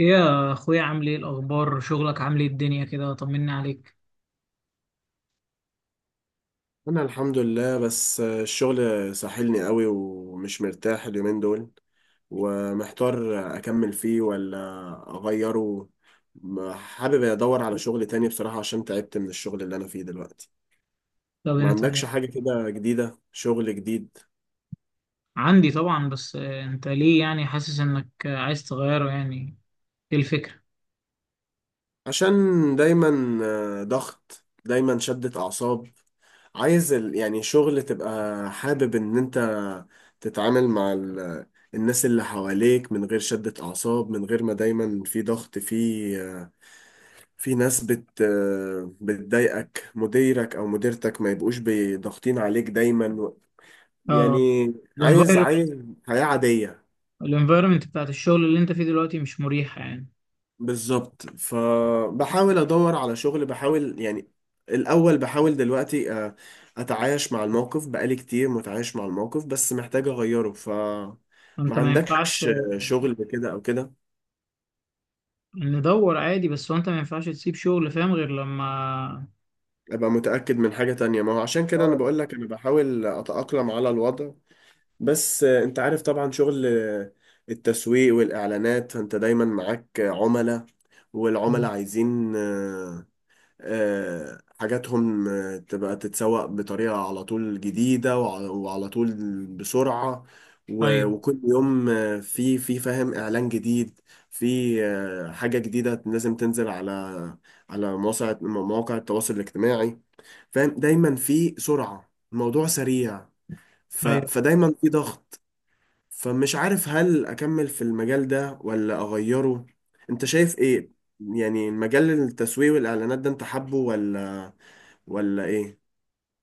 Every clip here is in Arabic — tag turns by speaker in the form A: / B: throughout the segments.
A: ايه يا اخويا، عامل ايه؟ الاخبار؟ شغلك عامل ايه؟ الدنيا كده؟ طمني عليك.
B: انا الحمد لله، بس الشغل ساحلني قوي ومش مرتاح اليومين دول، ومحتار اكمل فيه ولا اغيره. حابب ادور على شغل تاني بصراحة عشان تعبت من الشغل اللي انا فيه دلوقتي.
A: طب
B: ما
A: انت؟
B: عندكش حاجة كده جديدة، شغل جديد؟
A: عندي طبعا، بس انت ليه يعني حاسس انك عايز تغيره يعني؟ ايه الفكرة؟
B: عشان دايما ضغط، دايما شدة اعصاب. عايز يعني شغل تبقى حابب ان انت تتعامل مع الناس اللي حواليك من غير شدة اعصاب، من غير ما دايما في ضغط، في ناس بتضايقك، مديرك او مديرتك ما يبقوش ضاغطين عليك دايما،
A: اه،
B: يعني عايز
A: الانفايرمنت.
B: عايز حياة عادية.
A: الانفايرمنت بتاعت الشغل اللي انت فيه دلوقتي مش مريحة يعني.
B: بالظبط، فبحاول ادور على شغل، بحاول يعني الاول، بحاول دلوقتي اتعايش مع الموقف، بقالي كتير متعايش مع الموقف بس محتاج اغيره. ما
A: انت ما ينفعش
B: عندكش شغل كده او كده؟
A: ندور عادي، بس هو انت ما ينفعش تسيب شغل، فاهم، غير لما
B: ابقى متأكد من حاجة تانية، ما هو عشان كده انا
A: اه.
B: بقول لك انا بحاول اتأقلم على الوضع. بس انت عارف طبعا شغل التسويق والاعلانات، فانت دايما معاك عملاء، والعملاء عايزين حاجاتهم تبقى تتسوق بطريقة على طول جديدة، وعلى طول بسرعة،
A: ايوه
B: وكل يوم في فاهم إعلان جديد، في حاجة جديدة لازم تنزل على مواقع التواصل الاجتماعي. فاهم، دايما في سرعة، الموضوع سريع،
A: ايوه.
B: فدايما في ضغط. فمش عارف هل أكمل في المجال ده ولا أغيره؟ أنت شايف إيه؟ يعني المجال، التسويق والإعلانات ده، أنت حابه ولا ايه؟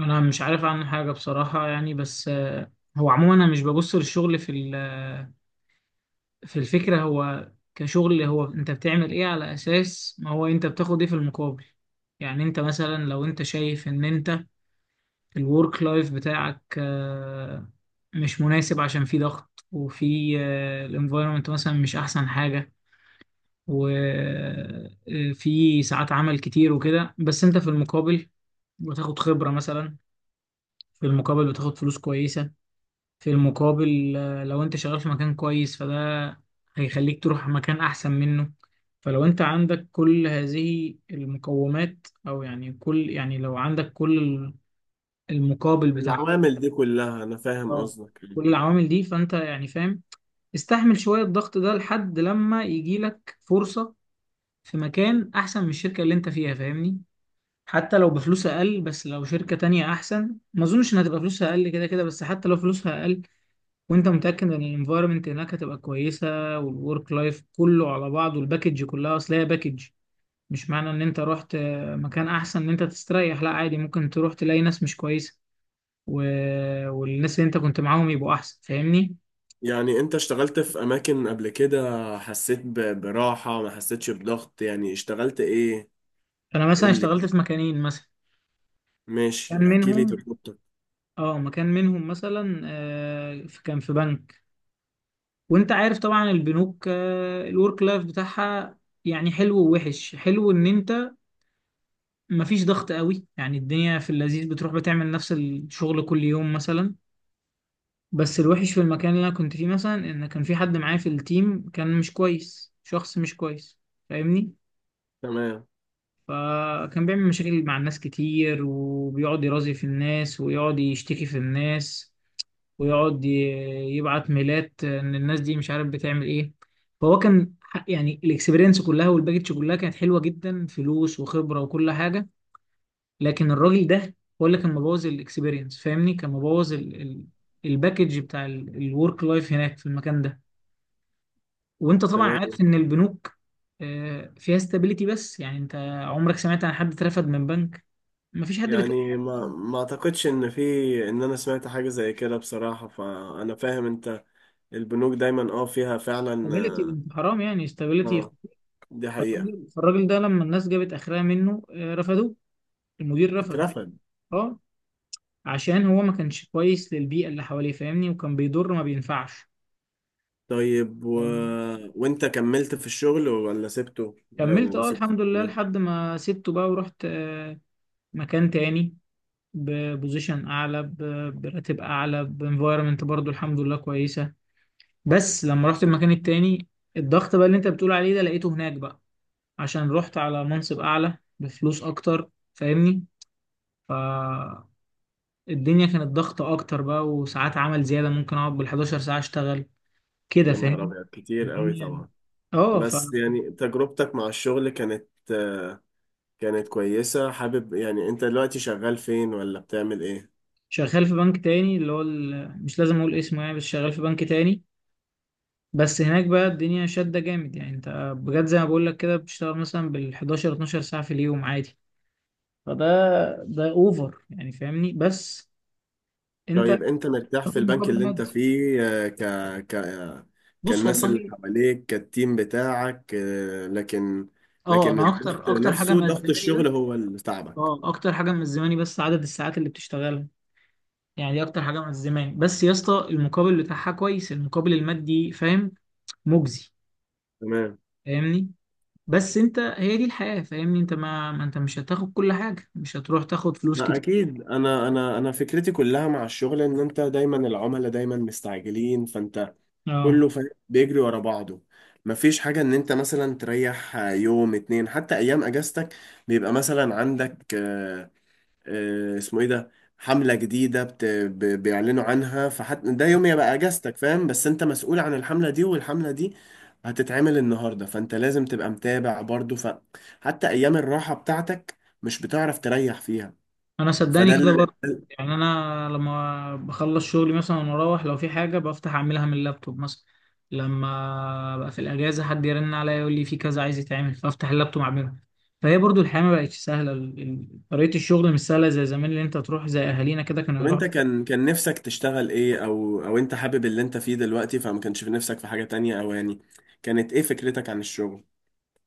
A: انا مش عارف عنه حاجة بصراحة يعني، بس هو عموما انا مش ببص للشغل في الفكرة. هو كشغل، هو انت بتعمل ايه على اساس ما هو انت بتاخد ايه في المقابل. يعني انت مثلا، لو انت شايف ان انت الورك لايف بتاعك مش مناسب عشان في ضغط، وفي الانفايرمنت مثلا مش احسن حاجة، وفي ساعات عمل كتير وكده، بس انت في المقابل بتاخد خبرة مثلا، في المقابل بتاخد فلوس كويسة، في المقابل لو انت شغال في مكان كويس فده هيخليك تروح مكان احسن منه. فلو انت عندك كل هذه المقومات او يعني كل، يعني لو عندك كل المقابل بتاع،
B: العوامل دي كلها انا فاهم
A: اه،
B: قصدك.
A: كل العوامل دي، فانت يعني فاهم. استحمل شوية الضغط ده لحد لما يجي لك فرصة في مكان احسن من الشركة اللي انت فيها، فاهمني؟ حتى لو بفلوس اقل، بس لو شركة تانية احسن ما اظنش انها تبقى فلوسها اقل، كده كده، بس حتى لو فلوسها اقل وانت متاكد ان الانفايرمنت هناك هتبقى كويسه، والورك لايف كله على بعضه، الباكج كلها، اصل هي باكج. مش معنى ان انت رحت مكان احسن ان انت تستريح، لا عادي، ممكن تروح تلاقي ناس مش كويسه و... والناس اللي انت كنت معاهم يبقوا احسن، فاهمني؟
B: يعني انت اشتغلت في اماكن قبل كده حسيت براحة، ما حسيتش بضغط؟ يعني اشتغلت ايه؟
A: انا مثلا
B: قول لي،
A: اشتغلت في مكانين مثلا، كان
B: ماشي احكي لي
A: منهم
B: تجربتك.
A: اه، مكان منهم مثلا كان في بنك. وانت عارف طبعا البنوك، آه، الورك لايف بتاعها يعني حلو ووحش. حلو ان انت مفيش ضغط قوي، يعني الدنيا في اللذيذ، بتروح بتعمل نفس الشغل كل يوم مثلا. بس الوحش في المكان اللي انا كنت فيه مثلا، ان كان في حد معايا في التيم كان مش كويس، شخص مش كويس، فاهمني؟
B: تمام.
A: فكان بيعمل مشاكل مع الناس كتير، وبيقعد يرازي في الناس، ويقعد يشتكي في الناس، ويقعد ي- يبعت ميلات ان الناس دي مش عارف بتعمل ايه. فهو كان يعني الاكسبيرينس كلها والباكج كلها كانت حلوة جدا، فلوس وخبرة وكل حاجة، لكن الراجل ده هو اللي كان مبوظ الاكسبيرينس، فاهمني؟ كان مبوظ الباكج بتاع الورك لايف هناك في المكان ده. وانت طبعا
B: تمام.
A: عارف ان البنوك فيها استابيليتي، بس يعني انت عمرك سمعت عن حد اترفد من بنك؟ مفيش حد بيتقبل.
B: يعني ما اعتقدش ان في، ان انا سمعت حاجة زي كده بصراحة، فانا فاهم انت، البنوك دايما اه فيها فعلا
A: استابيليتي،
B: اه
A: انت حرام، يعني استابيليتي.
B: آه، دي حقيقة.
A: فالراجل ده لما الناس جابت اخرها منه رفضوه، المدير رفضه.
B: اترفد؟
A: اه، عشان هو ما كانش كويس للبيئة اللي حواليه، فاهمني؟ وكان بيضر، ما بينفعش.
B: طيب
A: آه،
B: وانت كملت في الشغل ولا سبته؟
A: كملت
B: ولو
A: اه،
B: سبته؟
A: الحمد لله، لحد ما سبته بقى، ورحت مكان تاني، ببوزيشن اعلى، براتب اعلى، بانفايرمنت برضو الحمد لله كويسه. بس لما رحت المكان التاني، الضغط بقى اللي انت بتقول عليه ده لقيته هناك بقى، عشان رحت على منصب اعلى بفلوس اكتر، فاهمني؟ فالدنيا كانت ضغطة اكتر بقى، وساعات عمل زياده، ممكن اقعد بال11 ساعه اشتغل، كده
B: يا نهار
A: فاهم؟
B: أبيض، كتير قوي
A: الدنيا
B: طبعا.
A: اه.
B: بس يعني تجربتك مع الشغل كانت كانت كويسة، حابب يعني. أنت دلوقتي شغال فين ولا بتعمل إيه؟
A: فشغال في بنك تاني، اللي هو مش لازم اقول اسمه يعني، بس شغال في بنك تاني. بس هناك بقى الدنيا شدة جامد، يعني انت بجد زي ما بقول لك كده، بتشتغل مثلا بال 11 12 ساعة في اليوم عادي. فده، ده اوفر يعني، فاهمني؟ بس انت
B: طيب أنت مرتاح
A: بتاخد
B: في البنك
A: مقابل
B: اللي أنت
A: مادي.
B: فيه ك ك آه،
A: بص
B: كالناس اللي
A: والله،
B: حواليك، كالتيم بتاعك لكن،
A: اه،
B: لكن
A: انا
B: الضغط
A: اكتر حاجة
B: نفسه، ضغط
A: ملزماني، بس
B: الشغل هو اللي تعبك.
A: اه اكتر حاجة ملزماني بس عدد الساعات اللي بتشتغلها، يعني دي اكتر حاجة ملزماني، بس يا اسطى المقابل بتاعها كويس، المقابل المادي، فاهم، مجزي،
B: تمام.
A: فاهمني؟ بس انت هي دي الحياة، فاهمني؟ انت ما انت مش هتاخد كل حاجة، مش هتروح تاخد فلوس
B: لا
A: كتير،
B: اكيد، انا فكرتي كلها مع الشغل ان انت دايما، العملاء دايما مستعجلين، فانت
A: اه.
B: كله فاهم بيجري ورا بعضه، مفيش حاجة ان انت مثلا تريح يوم اتنين. حتى ايام اجازتك بيبقى مثلا عندك اسمه ايه ده، حملة جديدة بيعلنوا عنها، فحتى ده يوم يبقى اجازتك فاهم، بس انت مسؤول عن الحملة دي، والحملة دي هتتعمل النهاردة، فانت لازم تبقى متابع برضو، فحتى ايام الراحة بتاعتك مش بتعرف تريح فيها.
A: انا صدقني
B: فده
A: كده
B: ال-
A: برضه،
B: ده
A: يعني انا لما بخلص شغلي مثلا واروح، لو في حاجه بفتح اعملها من اللابتوب مثلا. لما بقى في الاجازه حد يرن عليا يقول لي في كذا عايز يتعمل، فافتح اللابتوب اعملها. فهي برضو الحياه ما بقتش سهله، طريقه الشغل مش سهله زي زمان، اللي انت تروح زي اهالينا كده كانوا
B: طب
A: يروحوا.
B: انت كان نفسك تشتغل ايه، او انت حابب اللي انت فيه دلوقتي فما كانش في نفسك في حاجة تانية؟ او يعني كانت ايه فكرتك عن الشغل؟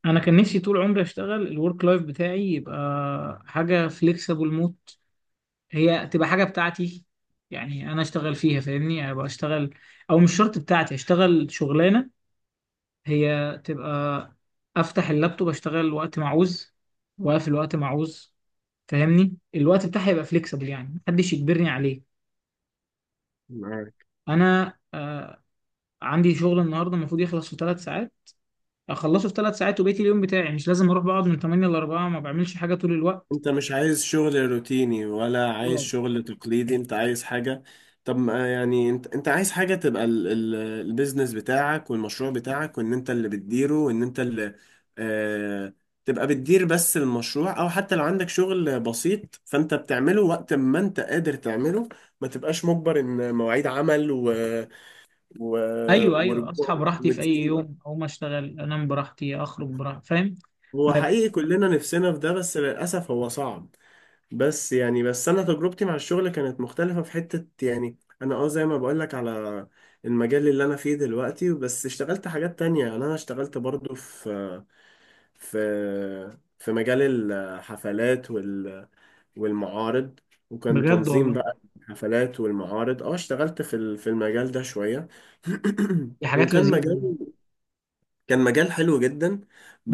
A: انا كان نفسي طول عمري اشتغل الورك لايف بتاعي يبقى حاجه فليكسبل موت، هي تبقى حاجه بتاعتي يعني انا اشتغل فيها، فاهمني؟ يعني ابقى اشتغل، او مش شرط بتاعتي، اشتغل شغلانه هي تبقى، افتح اللابتوب اشتغل وقت ما عاوز، واقفل وقت ما عاوز، فاهمني؟ الوقت بتاعي يبقى فليكسبل، يعني محدش يجبرني عليه.
B: معاك.
A: انا آه، عندي شغل النهارده المفروض يخلص في ثلاث ساعات، اخلصه في ثلاث ساعات وبقيت اليوم بتاعي مش لازم اروح بقعد من 8 ل 4، ما بعملش حاجه طول الوقت.
B: انت مش عايز شغل روتيني، ولا عايز
A: أوه.
B: شغل تقليدي، انت عايز حاجة. طب ما يعني انت عايز حاجة تبقى البيزنس بتاعك والمشروع بتاعك، وان انت اللي بتديره، وان انت اللي آه... تبقى بتدير بس المشروع، او حتى لو عندك شغل بسيط فانت بتعمله وقت ما انت قادر تعمله، ما تبقاش مجبر ان مواعيد عمل و...
A: ايوه ايوه، اصحى
B: ورجوع
A: براحتي في اي
B: وتقيل.
A: يوم، اقوم اشتغل، انام براحتي، اخرج براحتي، فاهم؟
B: هو
A: ما-
B: حقيقي كلنا نفسنا في ده، بس للأسف هو صعب. بس يعني، بس أنا تجربتي مع الشغل كانت مختلفة في حتة، يعني أنا أه زي ما بقولك على المجال اللي أنا فيه دلوقتي، بس اشتغلت حاجات تانية، يعني أنا اشتغلت برضو في في مجال الحفلات والمعارض، وكان
A: بجد
B: تنظيم
A: والله،
B: بقى الحفلات والمعارض. اه اشتغلت في المجال ده شوية.
A: دي حاجات
B: وكان
A: لذيذه.
B: مجال كان مجال حلو جدا،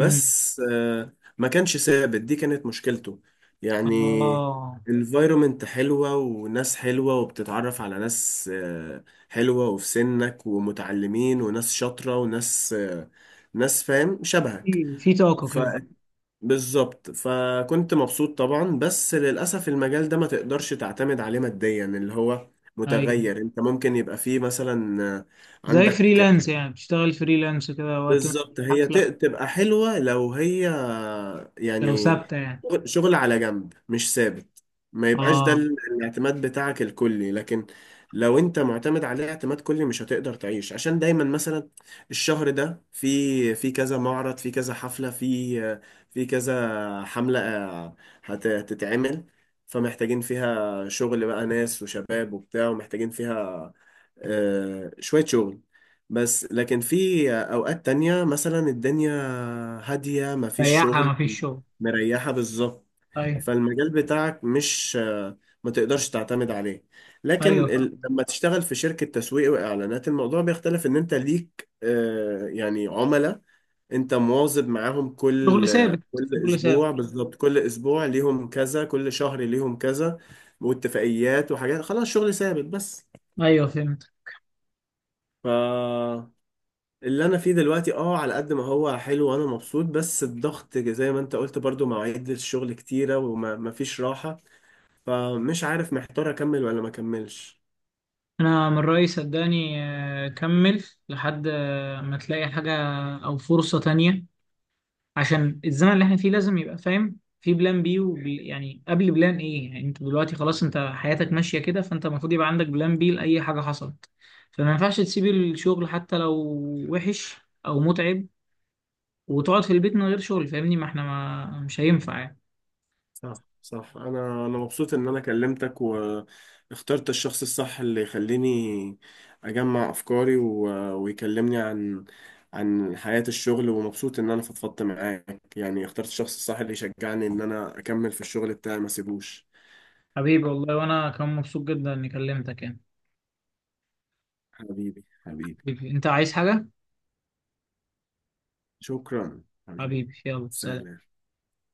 A: امم
B: ما كانش ثابت، دي كانت مشكلته. يعني
A: اه،
B: الفايرومنت حلوة، وناس حلوة، وبتتعرف على ناس حلوة، وفي سنك ومتعلمين، وناس شاطرة، وناس ناس فاهم شبهك.
A: في في طاقه
B: ف
A: كده.
B: بالظبط، فكنت مبسوط طبعا، بس للأسف المجال ده ما تقدرش تعتمد عليه ماديا، اللي هو
A: ايوه،
B: متغير. انت ممكن يبقى فيه مثلا
A: زي
B: عندك،
A: فريلانس يعني، بتشتغل فريلانس كده وقت ما
B: بالظبط
A: في
B: هي
A: حفلة.
B: تبقى حلوة لو هي
A: لو
B: يعني
A: ثابتة يعني
B: شغل على جنب مش ثابت، ما يبقاش ده
A: اه.
B: الاعتماد بتاعك الكلي، لكن لو انت معتمد عليه اعتماد كلي مش هتقدر تعيش، عشان دايما مثلا الشهر ده في في كذا معرض، في كذا حفلة، في في كذا حملة هتتعمل، فمحتاجين فيها شغل بقى، ناس وشباب وبتاع، ومحتاجين فيها شوية شغل. بس لكن في أوقات تانية مثلا الدنيا هادية مفيش
A: سياحة
B: شغل،
A: ما فيش شغل.
B: مريحة بالظبط.
A: ايوه.
B: فالمجال بتاعك مش ما تقدرش تعتمد عليه. لكن
A: ايوه فاهم.
B: لما تشتغل في شركة تسويق وإعلانات الموضوع بيختلف، إن أنت ليك يعني عملاء أنت مواظب معاهم
A: شغل
B: كل
A: ثابت،
B: كل
A: شغل ثابت.
B: أسبوع، بالظبط كل أسبوع ليهم كذا، كل شهر ليهم كذا، واتفاقيات وحاجات، خلاص شغل ثابت. بس
A: ايوه فهمت.
B: ف اللي انا فيه دلوقتي اه على قد ما هو حلو وانا مبسوط، بس الضغط زي ما انت قلت برضو مواعيد الشغل كتيرة وما فيش راحة، فمش عارف محتار اكمل ولا ما اكملش.
A: انا من رأيي صدقني كمل لحد ما تلاقي حاجة او فرصة تانية، عشان الزمن اللي احنا فيه لازم يبقى فاهم في بلان بي، يعني قبل بلان، ايه يعني انت دلوقتي خلاص انت حياتك ماشية كده، فانت المفروض يبقى عندك بلان بي لأي حاجة حصلت. فما ينفعش تسيب الشغل حتى لو وحش او متعب وتقعد في البيت من غير شغل، فاهمني؟ ما احنا ما مش هينفع يعني.
B: صح صح، انا انا مبسوط ان انا كلمتك واخترت الشخص الصح، اللي يخليني اجمع افكاري ويكلمني عن عن حياة الشغل، ومبسوط ان انا فضفضت معاك، يعني اخترت الشخص الصح اللي يشجعني ان انا اكمل في الشغل بتاعي ما اسيبوش.
A: حبيبي والله، وانا كان مبسوط جدا اني كلمتك يعني.
B: حبيبي، حبيبي،
A: حبيبي، انت عايز حاجة؟
B: شكرا، حبيبي،
A: حبيبي، يلا سلام.
B: سلام.